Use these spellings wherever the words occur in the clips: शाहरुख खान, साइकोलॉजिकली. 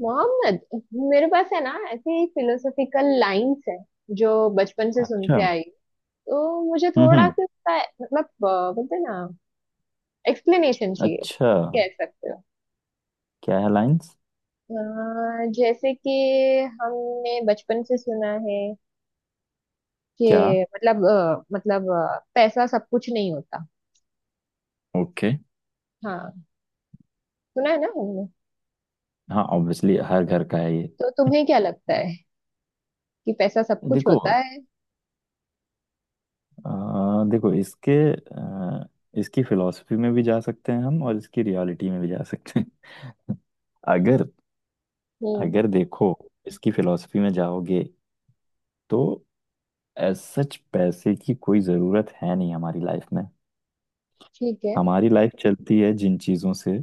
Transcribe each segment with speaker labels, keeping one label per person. Speaker 1: मोहम्मद, मेरे पास है ना ऐसी फिलोसॉफिकल लाइंस है जो बचपन से
Speaker 2: अच्छा।
Speaker 1: सुनते
Speaker 2: हम्म।
Speaker 1: आई। तो मुझे थोड़ा
Speaker 2: हम्म।
Speaker 1: सा उसका, मतलब बोलते हैं ना, एक्सप्लेनेशन चाहिए,
Speaker 2: अच्छा।
Speaker 1: कह सकते हो।
Speaker 2: क्या है लाइंस?
Speaker 1: जैसे कि हमने बचपन से सुना है
Speaker 2: क्या?
Speaker 1: कि मतलब पैसा सब कुछ नहीं होता।
Speaker 2: ओके।
Speaker 1: हाँ, सुना है ना हमने।
Speaker 2: हाँ, ऑब्वियसली हर घर का है ये।
Speaker 1: तो तुम्हें क्या लगता है कि पैसा सब कुछ
Speaker 2: देखो,
Speaker 1: होता है?
Speaker 2: अ, देखो इसके अ, इसकी फिलॉसफी में भी जा सकते हैं हम, और इसकी रियलिटी में भी जा सकते हैं। अगर
Speaker 1: हम्म।
Speaker 2: अगर देखो, इसकी फिलॉसफी में जाओगे तो एज सच पैसे की कोई ज़रूरत है नहीं हमारी लाइफ में।
Speaker 1: ठीक है।
Speaker 2: हमारी लाइफ चलती है जिन चीज़ों से,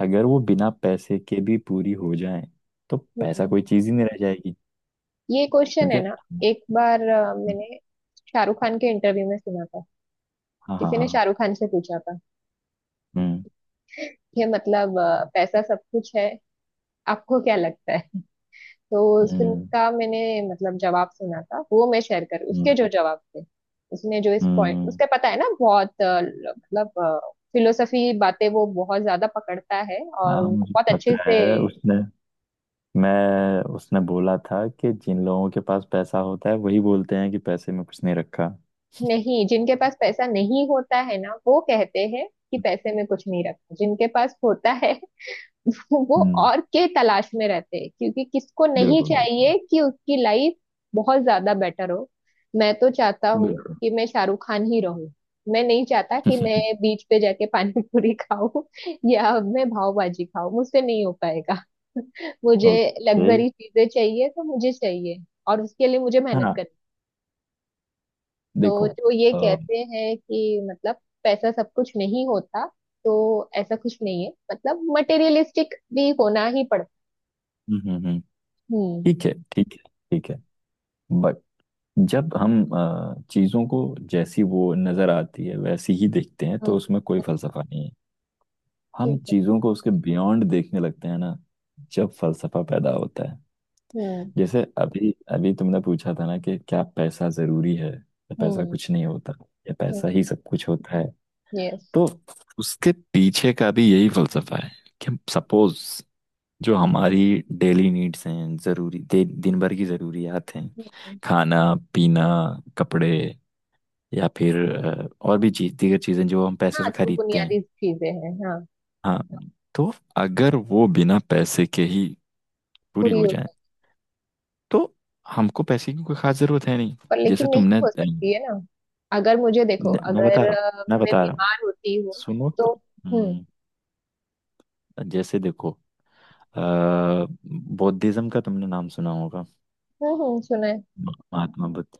Speaker 2: अगर वो बिना पैसे के भी पूरी हो जाए तो पैसा
Speaker 1: हम्म।
Speaker 2: कोई चीज़ ही नहीं रह जाएगी,
Speaker 1: ये क्वेश्चन है
Speaker 2: क्योंकि।
Speaker 1: ना। एक बार मैंने शाहरुख खान के इंटरव्यू में सुना था।
Speaker 2: हाँ, हाँ,
Speaker 1: किसी ने
Speaker 2: हाँ।
Speaker 1: शाहरुख खान से पूछा था,
Speaker 2: हम्म।
Speaker 1: ये मतलब पैसा सब कुछ है, आपको क्या लगता है? तो
Speaker 2: हम्म।
Speaker 1: उसका मैंने मतलब जवाब सुना था, वो मैं शेयर कर, उसके
Speaker 2: हम्म।
Speaker 1: जो जवाब थे। उसने जो इस पॉइंट,
Speaker 2: हम्म। हम्म।
Speaker 1: उसका पता है ना, बहुत मतलब फिलोसफी बातें वो बहुत ज्यादा पकड़ता है और
Speaker 2: हाँ,
Speaker 1: उनको
Speaker 2: मुझे
Speaker 1: बहुत
Speaker 2: पता
Speaker 1: अच्छे से।
Speaker 2: है। उसने बोला था कि जिन लोगों के पास पैसा होता है वही बोलते हैं कि पैसे में कुछ नहीं रखा।
Speaker 1: नहीं, जिनके पास पैसा नहीं होता है ना, वो कहते हैं कि पैसे में कुछ नहीं रखा। जिनके पास होता है, वो
Speaker 2: हम्म।
Speaker 1: और के तलाश में रहते हैं, क्योंकि किसको नहीं
Speaker 2: बिल्कुल बिल्कुल
Speaker 1: चाहिए कि उसकी लाइफ बहुत ज्यादा बेटर हो। मैं तो चाहता हूँ
Speaker 2: बिल्कुल।
Speaker 1: कि मैं शाहरुख खान ही रहूं। मैं नहीं चाहता कि मैं बीच पे जाके पानी पूरी खाऊं या मैं पावभाजी खाऊं, मुझसे नहीं हो पाएगा। मुझे
Speaker 2: ओके।
Speaker 1: लग्जरी चीजें चाहिए तो मुझे चाहिए, और उसके लिए मुझे मेहनत
Speaker 2: हाँ।
Speaker 1: करनी। तो
Speaker 2: देखो
Speaker 1: जो ये
Speaker 2: हम्म।
Speaker 1: कहते हैं कि मतलब पैसा सब कुछ नहीं होता, तो ऐसा कुछ नहीं है, मतलब मटेरियलिस्टिक भी होना ही पड़ता।
Speaker 2: हम्म। हम्म।
Speaker 1: हम्म,
Speaker 2: ठीक है, ठीक है, ठीक है। बट जब हम चीजों को जैसी वो नजर आती है वैसी ही देखते हैं
Speaker 1: हम्म,
Speaker 2: तो उसमें कोई
Speaker 1: हम्म।
Speaker 2: फलसफा नहीं है। हम
Speaker 1: ठीक है।
Speaker 2: चीजों को उसके बियॉन्ड देखने लगते हैं ना, जब फलसफा पैदा होता है।
Speaker 1: हम्म,
Speaker 2: जैसे अभी अभी तुमने पूछा था ना कि क्या पैसा जरूरी है, या पैसा
Speaker 1: हम्म,
Speaker 2: कुछ नहीं होता, या
Speaker 1: हम्म।
Speaker 2: पैसा ही सब कुछ होता है।
Speaker 1: यस।
Speaker 2: तो उसके पीछे का भी यही फलसफा है कि सपोज जो हमारी डेली नीड्स हैं, जरूरी दिन भर की जरूरियात हैं: खाना, पीना, कपड़े, या फिर और भी चीज दीगर चीजें जो हम पैसे
Speaker 1: हाँ,
Speaker 2: से
Speaker 1: जो
Speaker 2: खरीदते हैं।
Speaker 1: बुनियादी चीजें हैं, हाँ।
Speaker 2: हाँ। तो अगर वो बिना पैसे के ही पूरी
Speaker 1: पूरी
Speaker 2: हो
Speaker 1: हो
Speaker 2: जाए
Speaker 1: जाए।
Speaker 2: तो हमको पैसे की कोई खास जरूरत है नहीं।
Speaker 1: पर लेकिन
Speaker 2: जैसे
Speaker 1: नहीं
Speaker 2: तुमने।
Speaker 1: हो सकती है ना। अगर मुझे देखो,
Speaker 2: मैं बता
Speaker 1: अगर
Speaker 2: रहा हूँ, मैं
Speaker 1: मैं
Speaker 2: बता रहा हूँ,
Speaker 1: बीमार होती हूँ
Speaker 2: सुनो तो।
Speaker 1: तो। हम्म,
Speaker 2: हम्म। जैसे देखो, बौद्धिज्म का तुमने नाम सुना होगा,
Speaker 1: हम्म, सुना है।
Speaker 2: महात्मा बुद्ध।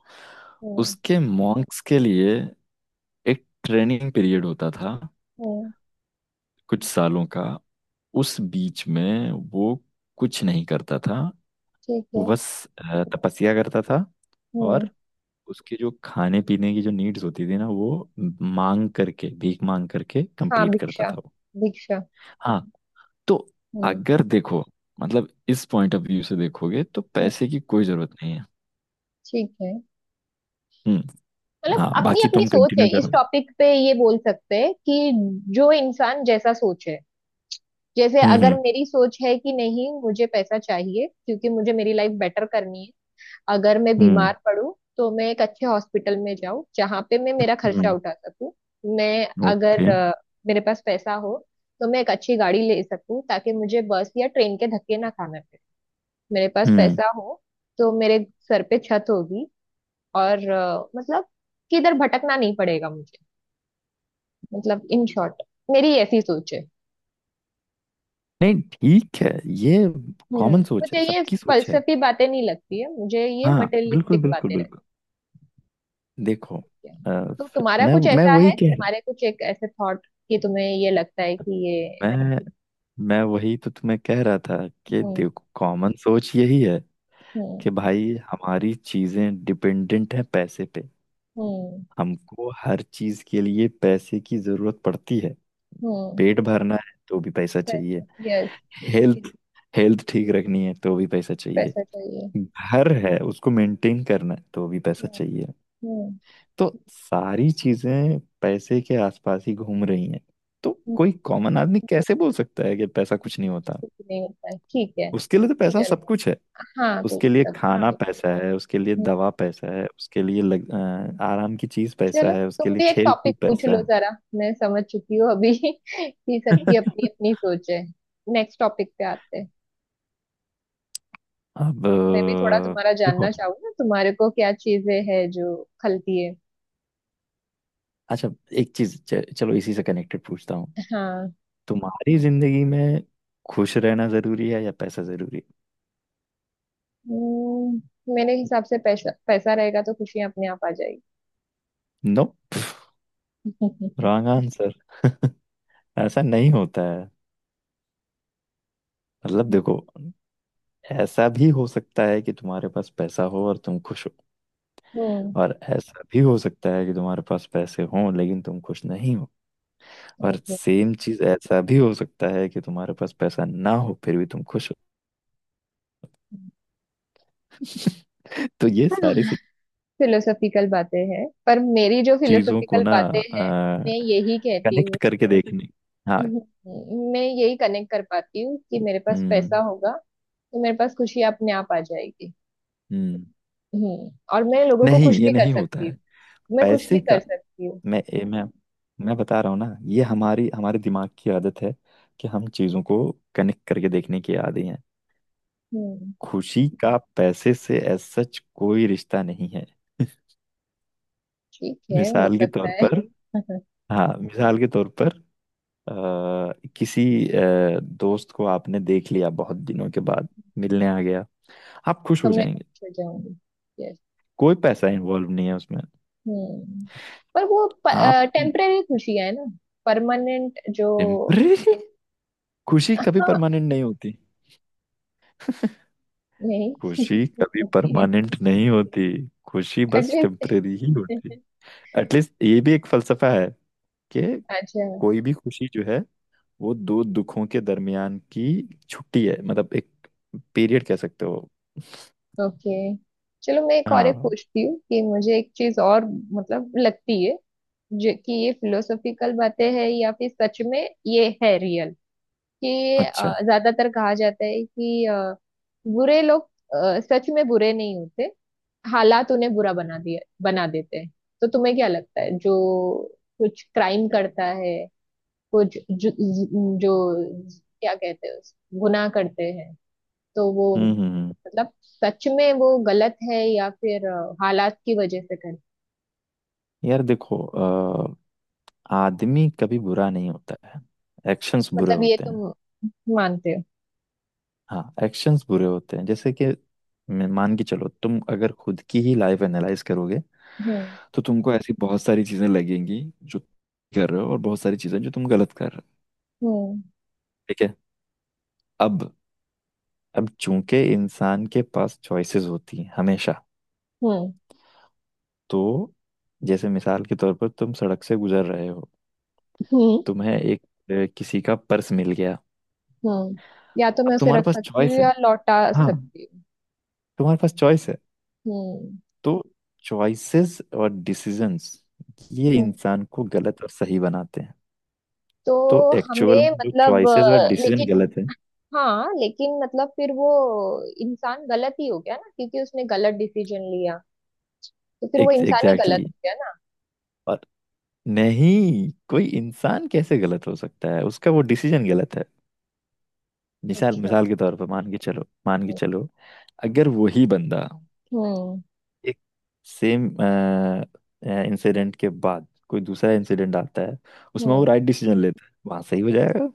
Speaker 1: हम्म,
Speaker 2: उसके मॉन्क्स के लिए एक ट्रेनिंग पीरियड होता था,
Speaker 1: हम्म।
Speaker 2: कुछ सालों का। उस बीच में वो कुछ नहीं करता था,
Speaker 1: ठीक
Speaker 2: वो
Speaker 1: है।
Speaker 2: बस तपस्या करता था।
Speaker 1: हम्म।
Speaker 2: और उसके जो खाने पीने की जो नीड्स होती थी ना, वो मांग करके, भीख मांग करके
Speaker 1: हाँ,
Speaker 2: कंप्लीट करता
Speaker 1: भिक्षा,
Speaker 2: था वो।
Speaker 1: भिक्षा।
Speaker 2: हाँ। तो
Speaker 1: हम्म,
Speaker 2: अगर देखो, मतलब इस पॉइंट ऑफ व्यू से देखोगे तो पैसे
Speaker 1: हम्म।
Speaker 2: की कोई जरूरत नहीं है।
Speaker 1: ठीक है।
Speaker 2: हम्म।
Speaker 1: मतलब
Speaker 2: हाँ,
Speaker 1: अपनी
Speaker 2: बाकी
Speaker 1: अपनी
Speaker 2: तुम
Speaker 1: सोच है
Speaker 2: कंटिन्यू
Speaker 1: इस
Speaker 2: करो।
Speaker 1: टॉपिक पे, ये बोल सकते हैं कि जो इंसान जैसा सोचे। जैसे
Speaker 2: हम्म।
Speaker 1: अगर
Speaker 2: हम्म।
Speaker 1: मेरी सोच है कि नहीं, मुझे पैसा चाहिए, क्योंकि मुझे मेरी लाइफ बेटर करनी है। अगर मैं
Speaker 2: हम्म।
Speaker 1: बीमार पड़ूं तो मैं एक अच्छे हॉस्पिटल में जाऊं जहां पे मैं मेरा खर्चा
Speaker 2: हम्म।
Speaker 1: उठा सकूं। मैं, अगर
Speaker 2: ओके।
Speaker 1: मेरे पास पैसा हो तो मैं एक अच्छी गाड़ी ले सकूं, ताकि मुझे बस या ट्रेन के धक्के ना खाना पड़े। मेरे पास
Speaker 2: हम्म।
Speaker 1: पैसा हो तो मेरे सर पे छत होगी, और मतलब किधर भटकना नहीं पड़ेगा मुझे। मतलब इन शॉर्ट, मेरी ऐसी सोच है।
Speaker 2: नहीं, ठीक है। ये
Speaker 1: हम्म।
Speaker 2: कॉमन सोच
Speaker 1: मुझे
Speaker 2: है,
Speaker 1: ये
Speaker 2: सबकी सोच है।
Speaker 1: फलसफी बातें नहीं लगती है, मुझे ये
Speaker 2: हाँ, बिल्कुल
Speaker 1: मटेरियलिस्टिक
Speaker 2: बिल्कुल
Speaker 1: बातें लगती
Speaker 2: बिल्कुल। देखो
Speaker 1: है।
Speaker 2: अ,
Speaker 1: तो तुम्हारा
Speaker 2: मैं
Speaker 1: कुछ
Speaker 2: मैं
Speaker 1: ऐसा
Speaker 2: वही
Speaker 1: है,
Speaker 2: कह रहा।
Speaker 1: तुम्हारे कुछ एक ऐसे थॉट, कि तुम्हें ये लगता है कि ये।
Speaker 2: मैं मैं वही तो तुम्हें कह रहा था कि
Speaker 1: हम्म,
Speaker 2: देखो, कॉमन सोच यही है कि
Speaker 1: हम्म,
Speaker 2: भाई हमारी चीजें डिपेंडेंट हैं पैसे पे।
Speaker 1: हम्म,
Speaker 2: हमको हर चीज के लिए पैसे की जरूरत पड़ती है।
Speaker 1: हम्म।
Speaker 2: पेट भरना है तो भी पैसा चाहिए।
Speaker 1: पैसा, यस।
Speaker 2: हेल्थ, हेल्थ ठीक रखनी है तो भी पैसा चाहिए।
Speaker 1: पैसा चाहिए।
Speaker 2: घर है, उसको मेंटेन करना है तो भी पैसा
Speaker 1: हम्म,
Speaker 2: चाहिए।
Speaker 1: हम्म,
Speaker 2: तो सारी चीजें पैसे के आसपास ही घूम रही हैं। तो
Speaker 1: हम्म,
Speaker 2: कोई कॉमन आदमी कैसे बोल सकता है कि पैसा कुछ नहीं होता?
Speaker 1: कुछ नहीं होता है, ठीक है।
Speaker 2: उसके लिए तो पैसा
Speaker 1: चलो।
Speaker 2: सब कुछ है।
Speaker 1: हाँ, कुछ
Speaker 2: उसके लिए
Speaker 1: सब।
Speaker 2: हाँ खाना, हाँ
Speaker 1: ठीक।
Speaker 2: पैसा है, उसके लिए
Speaker 1: हम्म,
Speaker 2: दवा पैसा है, उसके लिए आराम की चीज पैसा
Speaker 1: चलो।
Speaker 2: है, उसके
Speaker 1: तुम
Speaker 2: लिए
Speaker 1: भी एक
Speaker 2: खेल
Speaker 1: टॉपिक
Speaker 2: कूद
Speaker 1: पूछ
Speaker 2: पैसा
Speaker 1: लो
Speaker 2: है।
Speaker 1: जरा, मैं समझ चुकी हूँ अभी कि सबकी अपनी अपनी सोच है। नेक्स्ट टॉपिक पे आते हैं।
Speaker 2: अब
Speaker 1: मैं भी थोड़ा तुम्हारा
Speaker 2: देखो,
Speaker 1: जानना चाहूँ ना, तुम्हारे को क्या चीजें हैं जो खलती है?
Speaker 2: अच्छा, एक चीज, चलो इसी से कनेक्टेड पूछता हूँ।
Speaker 1: हाँ।
Speaker 2: तुम्हारी जिंदगी में खुश रहना जरूरी है या पैसा जरूरी
Speaker 1: मेरे हिसाब से पैसा पैसा रहेगा तो खुशियां अपने आप आ जाएगी।
Speaker 2: है? No, wrong answer. ऐसा नहीं होता है। मतलब देखो, ऐसा भी हो सकता है कि तुम्हारे पास पैसा हो और तुम खुश हो,
Speaker 1: हम्म।
Speaker 2: और ऐसा भी हो सकता है कि तुम्हारे पास पैसे हों लेकिन तुम खुश नहीं हो, और
Speaker 1: ओके,
Speaker 2: सेम चीज, ऐसा भी हो सकता है कि तुम्हारे पास पैसा ना हो फिर भी तुम खुश हो। तो ये सारी
Speaker 1: फिलोसॉफिकल बातें हैं, पर मेरी जो
Speaker 2: चीजों को
Speaker 1: फिलोसॉफिकल
Speaker 2: ना
Speaker 1: बातें हैं, मैं यही कहती
Speaker 2: कनेक्ट
Speaker 1: हूँ।
Speaker 2: करके देखने। हाँ।
Speaker 1: हम्म, मैं यही कनेक्ट कर पाती हूँ कि मेरे पास पैसा
Speaker 2: हम्म।
Speaker 1: होगा तो मेरे पास खुशी अपने आप आ जाएगी।
Speaker 2: हम्म।
Speaker 1: हम्म, और मैं लोगों को
Speaker 2: नहीं,
Speaker 1: खुश
Speaker 2: ये
Speaker 1: भी कर
Speaker 2: नहीं होता
Speaker 1: सकती
Speaker 2: है,
Speaker 1: हूँ। मैं खुश भी
Speaker 2: पैसे का।
Speaker 1: कर सकती हूँ।
Speaker 2: मैं ए, मैं बता रहा हूँ ना, ये हमारी, हमारे दिमाग की आदत है कि हम चीजों को कनेक्ट करके देखने की आदी हैं।
Speaker 1: हम्म,
Speaker 2: खुशी का पैसे से एज सच कोई रिश्ता नहीं है।
Speaker 1: ठीक है, हो
Speaker 2: मिसाल के
Speaker 1: सकता
Speaker 2: तौर
Speaker 1: है।
Speaker 2: पर, हाँ, मिसाल के तौर पर आ, किसी दोस्त को आपने देख लिया बहुत दिनों के बाद, मिलने आ गया, आप खुश
Speaker 1: तो
Speaker 2: हो
Speaker 1: मैं
Speaker 2: जाएंगे।
Speaker 1: खुश हो जाऊंगी, यस।
Speaker 2: कोई पैसा इन्वॉल्व नहीं है उसमें।
Speaker 1: हम्म। पर वो
Speaker 2: आप
Speaker 1: टेम्परेरी खुशी है ना, परमानेंट जो।
Speaker 2: टेम्परेरी। खुशी कभी
Speaker 1: हाँ।
Speaker 2: परमानेंट नहीं होती।
Speaker 1: नहीं।
Speaker 2: खुशी कभी
Speaker 1: होती है।
Speaker 2: परमानेंट नहीं होती। खुशी बस
Speaker 1: एटलीस्ट।
Speaker 2: टेम्परेरी ही होती। एटलीस्ट ये भी एक फलसफा है कि
Speaker 1: अच्छा।
Speaker 2: कोई भी खुशी जो है, वो दो दुखों के दरमियान की छुट्टी है, मतलब एक पीरियड कह सकते हो।
Speaker 1: ओके, चलो मैं एक और एक
Speaker 2: हाँ,
Speaker 1: पूछती हूँ कि मुझे एक चीज और, मतलब लगती है, जो कि ये फिलोसॉफिकल बातें है या फिर सच में ये है रियल। कि
Speaker 2: अच्छा।
Speaker 1: ज्यादातर कहा जाता है कि बुरे लोग सच में बुरे नहीं होते, हालात उन्हें बुरा बना दिया बना देते हैं। तो तुम्हें क्या लगता है, जो कुछ क्राइम करता है, कुछ जो क्या कहते हैं उस गुनाह करते हैं, तो वो
Speaker 2: हम्म। हम्म। हम्म।
Speaker 1: मतलब सच में वो गलत है या फिर हालात की वजह से कर।
Speaker 2: यार देखो आदमी कभी बुरा नहीं होता है, एक्शंस बुरे
Speaker 1: मतलब ये
Speaker 2: होते हैं।
Speaker 1: तुम मानते हो?
Speaker 2: हाँ, एक्शंस बुरे होते हैं। जैसे कि मान के चलो, तुम अगर खुद की ही लाइफ एनालाइज करोगे
Speaker 1: हम्म,
Speaker 2: तो तुमको ऐसी बहुत सारी चीजें लगेंगी जो कर रहे हो, और बहुत सारी चीजें जो तुम गलत कर रहे हो।
Speaker 1: हम्म,
Speaker 2: ठीक है। अब अब चूंकि इंसान के पास चॉइसेस होती हैं हमेशा,
Speaker 1: हम्म,
Speaker 2: तो जैसे मिसाल के तौर पर, तुम सड़क से गुजर रहे हो,
Speaker 1: हम्म,
Speaker 2: तुम्हें एक, किसी का पर्स मिल गया,
Speaker 1: हम्म। या तो
Speaker 2: अब
Speaker 1: मैं उसे
Speaker 2: तुम्हारे
Speaker 1: रख
Speaker 2: पास
Speaker 1: सकती हूँ
Speaker 2: चॉइस है।
Speaker 1: या लौटा
Speaker 2: हाँ,
Speaker 1: सकती हूँ।
Speaker 2: तुम्हारे पास चॉइस है।
Speaker 1: हम्म,
Speaker 2: तो चॉइसेस और डिसीजंस, ये
Speaker 1: हम्म।
Speaker 2: इंसान को गलत और सही बनाते हैं। तो
Speaker 1: तो
Speaker 2: एक्चुअल
Speaker 1: हमें
Speaker 2: में जो
Speaker 1: मतलब
Speaker 2: चॉइसेस और
Speaker 1: लेकिन।
Speaker 2: डिसीजन गलत है,
Speaker 1: हाँ, लेकिन मतलब फिर वो इंसान गलत ही हो गया ना, क्योंकि उसने गलत डिसीजन लिया। तो फिर वो इंसान ही गलत
Speaker 2: एग्जैक्टली।
Speaker 1: हो गया ना।
Speaker 2: और नहीं, कोई इंसान कैसे गलत हो सकता है? उसका वो डिसीजन गलत है। मिसाल
Speaker 1: अच्छा,
Speaker 2: मिसाल के तौर पर, मान के चलो, मान के
Speaker 1: हम्म,
Speaker 2: चलो, अगर वही बंदा
Speaker 1: हम्म,
Speaker 2: एक सेम इंसिडेंट के बाद कोई दूसरा इंसिडेंट आता है, उसमें वो
Speaker 1: हम्म,
Speaker 2: राइट डिसीजन लेता है, वहां सही हो जाएगा।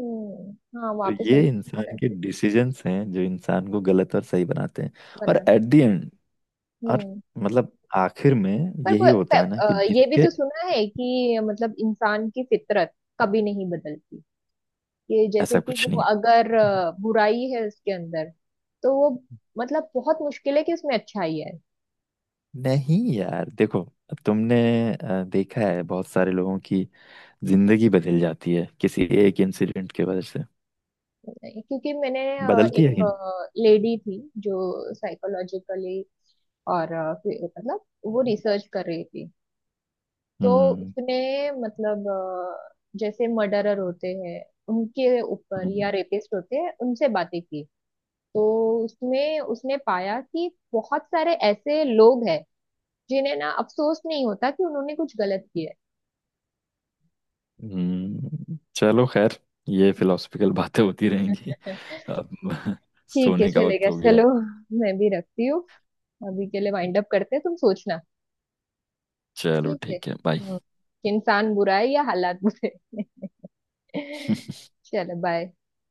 Speaker 1: हाँ,
Speaker 2: तो
Speaker 1: वापस
Speaker 2: ये
Speaker 1: सही
Speaker 2: इंसान
Speaker 1: होता है।
Speaker 2: के डिसीजंस हैं जो इंसान को गलत और सही बनाते हैं। और
Speaker 1: बना के।
Speaker 2: एट द एंड, और
Speaker 1: हम्म।
Speaker 2: मतलब आखिर में,
Speaker 1: पर
Speaker 2: यही होता है ना कि
Speaker 1: ये भी
Speaker 2: जिसके।
Speaker 1: तो सुना है कि मतलब इंसान की फितरत कभी नहीं बदलती। ये जैसे
Speaker 2: ऐसा
Speaker 1: कि
Speaker 2: कुछ नहीं
Speaker 1: वो
Speaker 2: है।
Speaker 1: अगर बुराई है उसके अंदर तो वो, मतलब, बहुत मुश्किल है कि उसमें अच्छाई है।
Speaker 2: नहीं यार देखो, अब तुमने देखा है, बहुत सारे लोगों की जिंदगी बदल जाती है किसी एक इंसिडेंट के वजह से।
Speaker 1: नहीं, क्योंकि मैंने
Speaker 2: बदलती है
Speaker 1: एक
Speaker 2: कि नहीं?
Speaker 1: लेडी थी, जो साइकोलॉजिकली और फिर मतलब वो रिसर्च कर रही थी, तो।
Speaker 2: हम्म।
Speaker 1: उसने मतलब जैसे मर्डरर होते हैं उनके ऊपर, या
Speaker 2: हम्म।
Speaker 1: रेपिस्ट होते हैं, उनसे बातें की। तो उसमें उसने पाया कि बहुत सारे ऐसे लोग हैं जिन्हें ना अफसोस नहीं होता कि उन्होंने कुछ गलत किया
Speaker 2: हम्म। चलो खैर, ये फिलोसफिकल बातें होती रहेंगी।
Speaker 1: है।
Speaker 2: अब
Speaker 1: ठीक है,
Speaker 2: सोने का वक्त
Speaker 1: चलेगा,
Speaker 2: हो गया
Speaker 1: चलो।
Speaker 2: है।
Speaker 1: मैं भी रखती हूँ, अभी के लिए वाइंड अप करते हैं। तुम सोचना।
Speaker 2: चलो,
Speaker 1: ठीक है।
Speaker 2: ठीक है,
Speaker 1: हम्म,
Speaker 2: बाय।
Speaker 1: कि इंसान बुरा है या हालात बुरे हैं। चलो, बाय।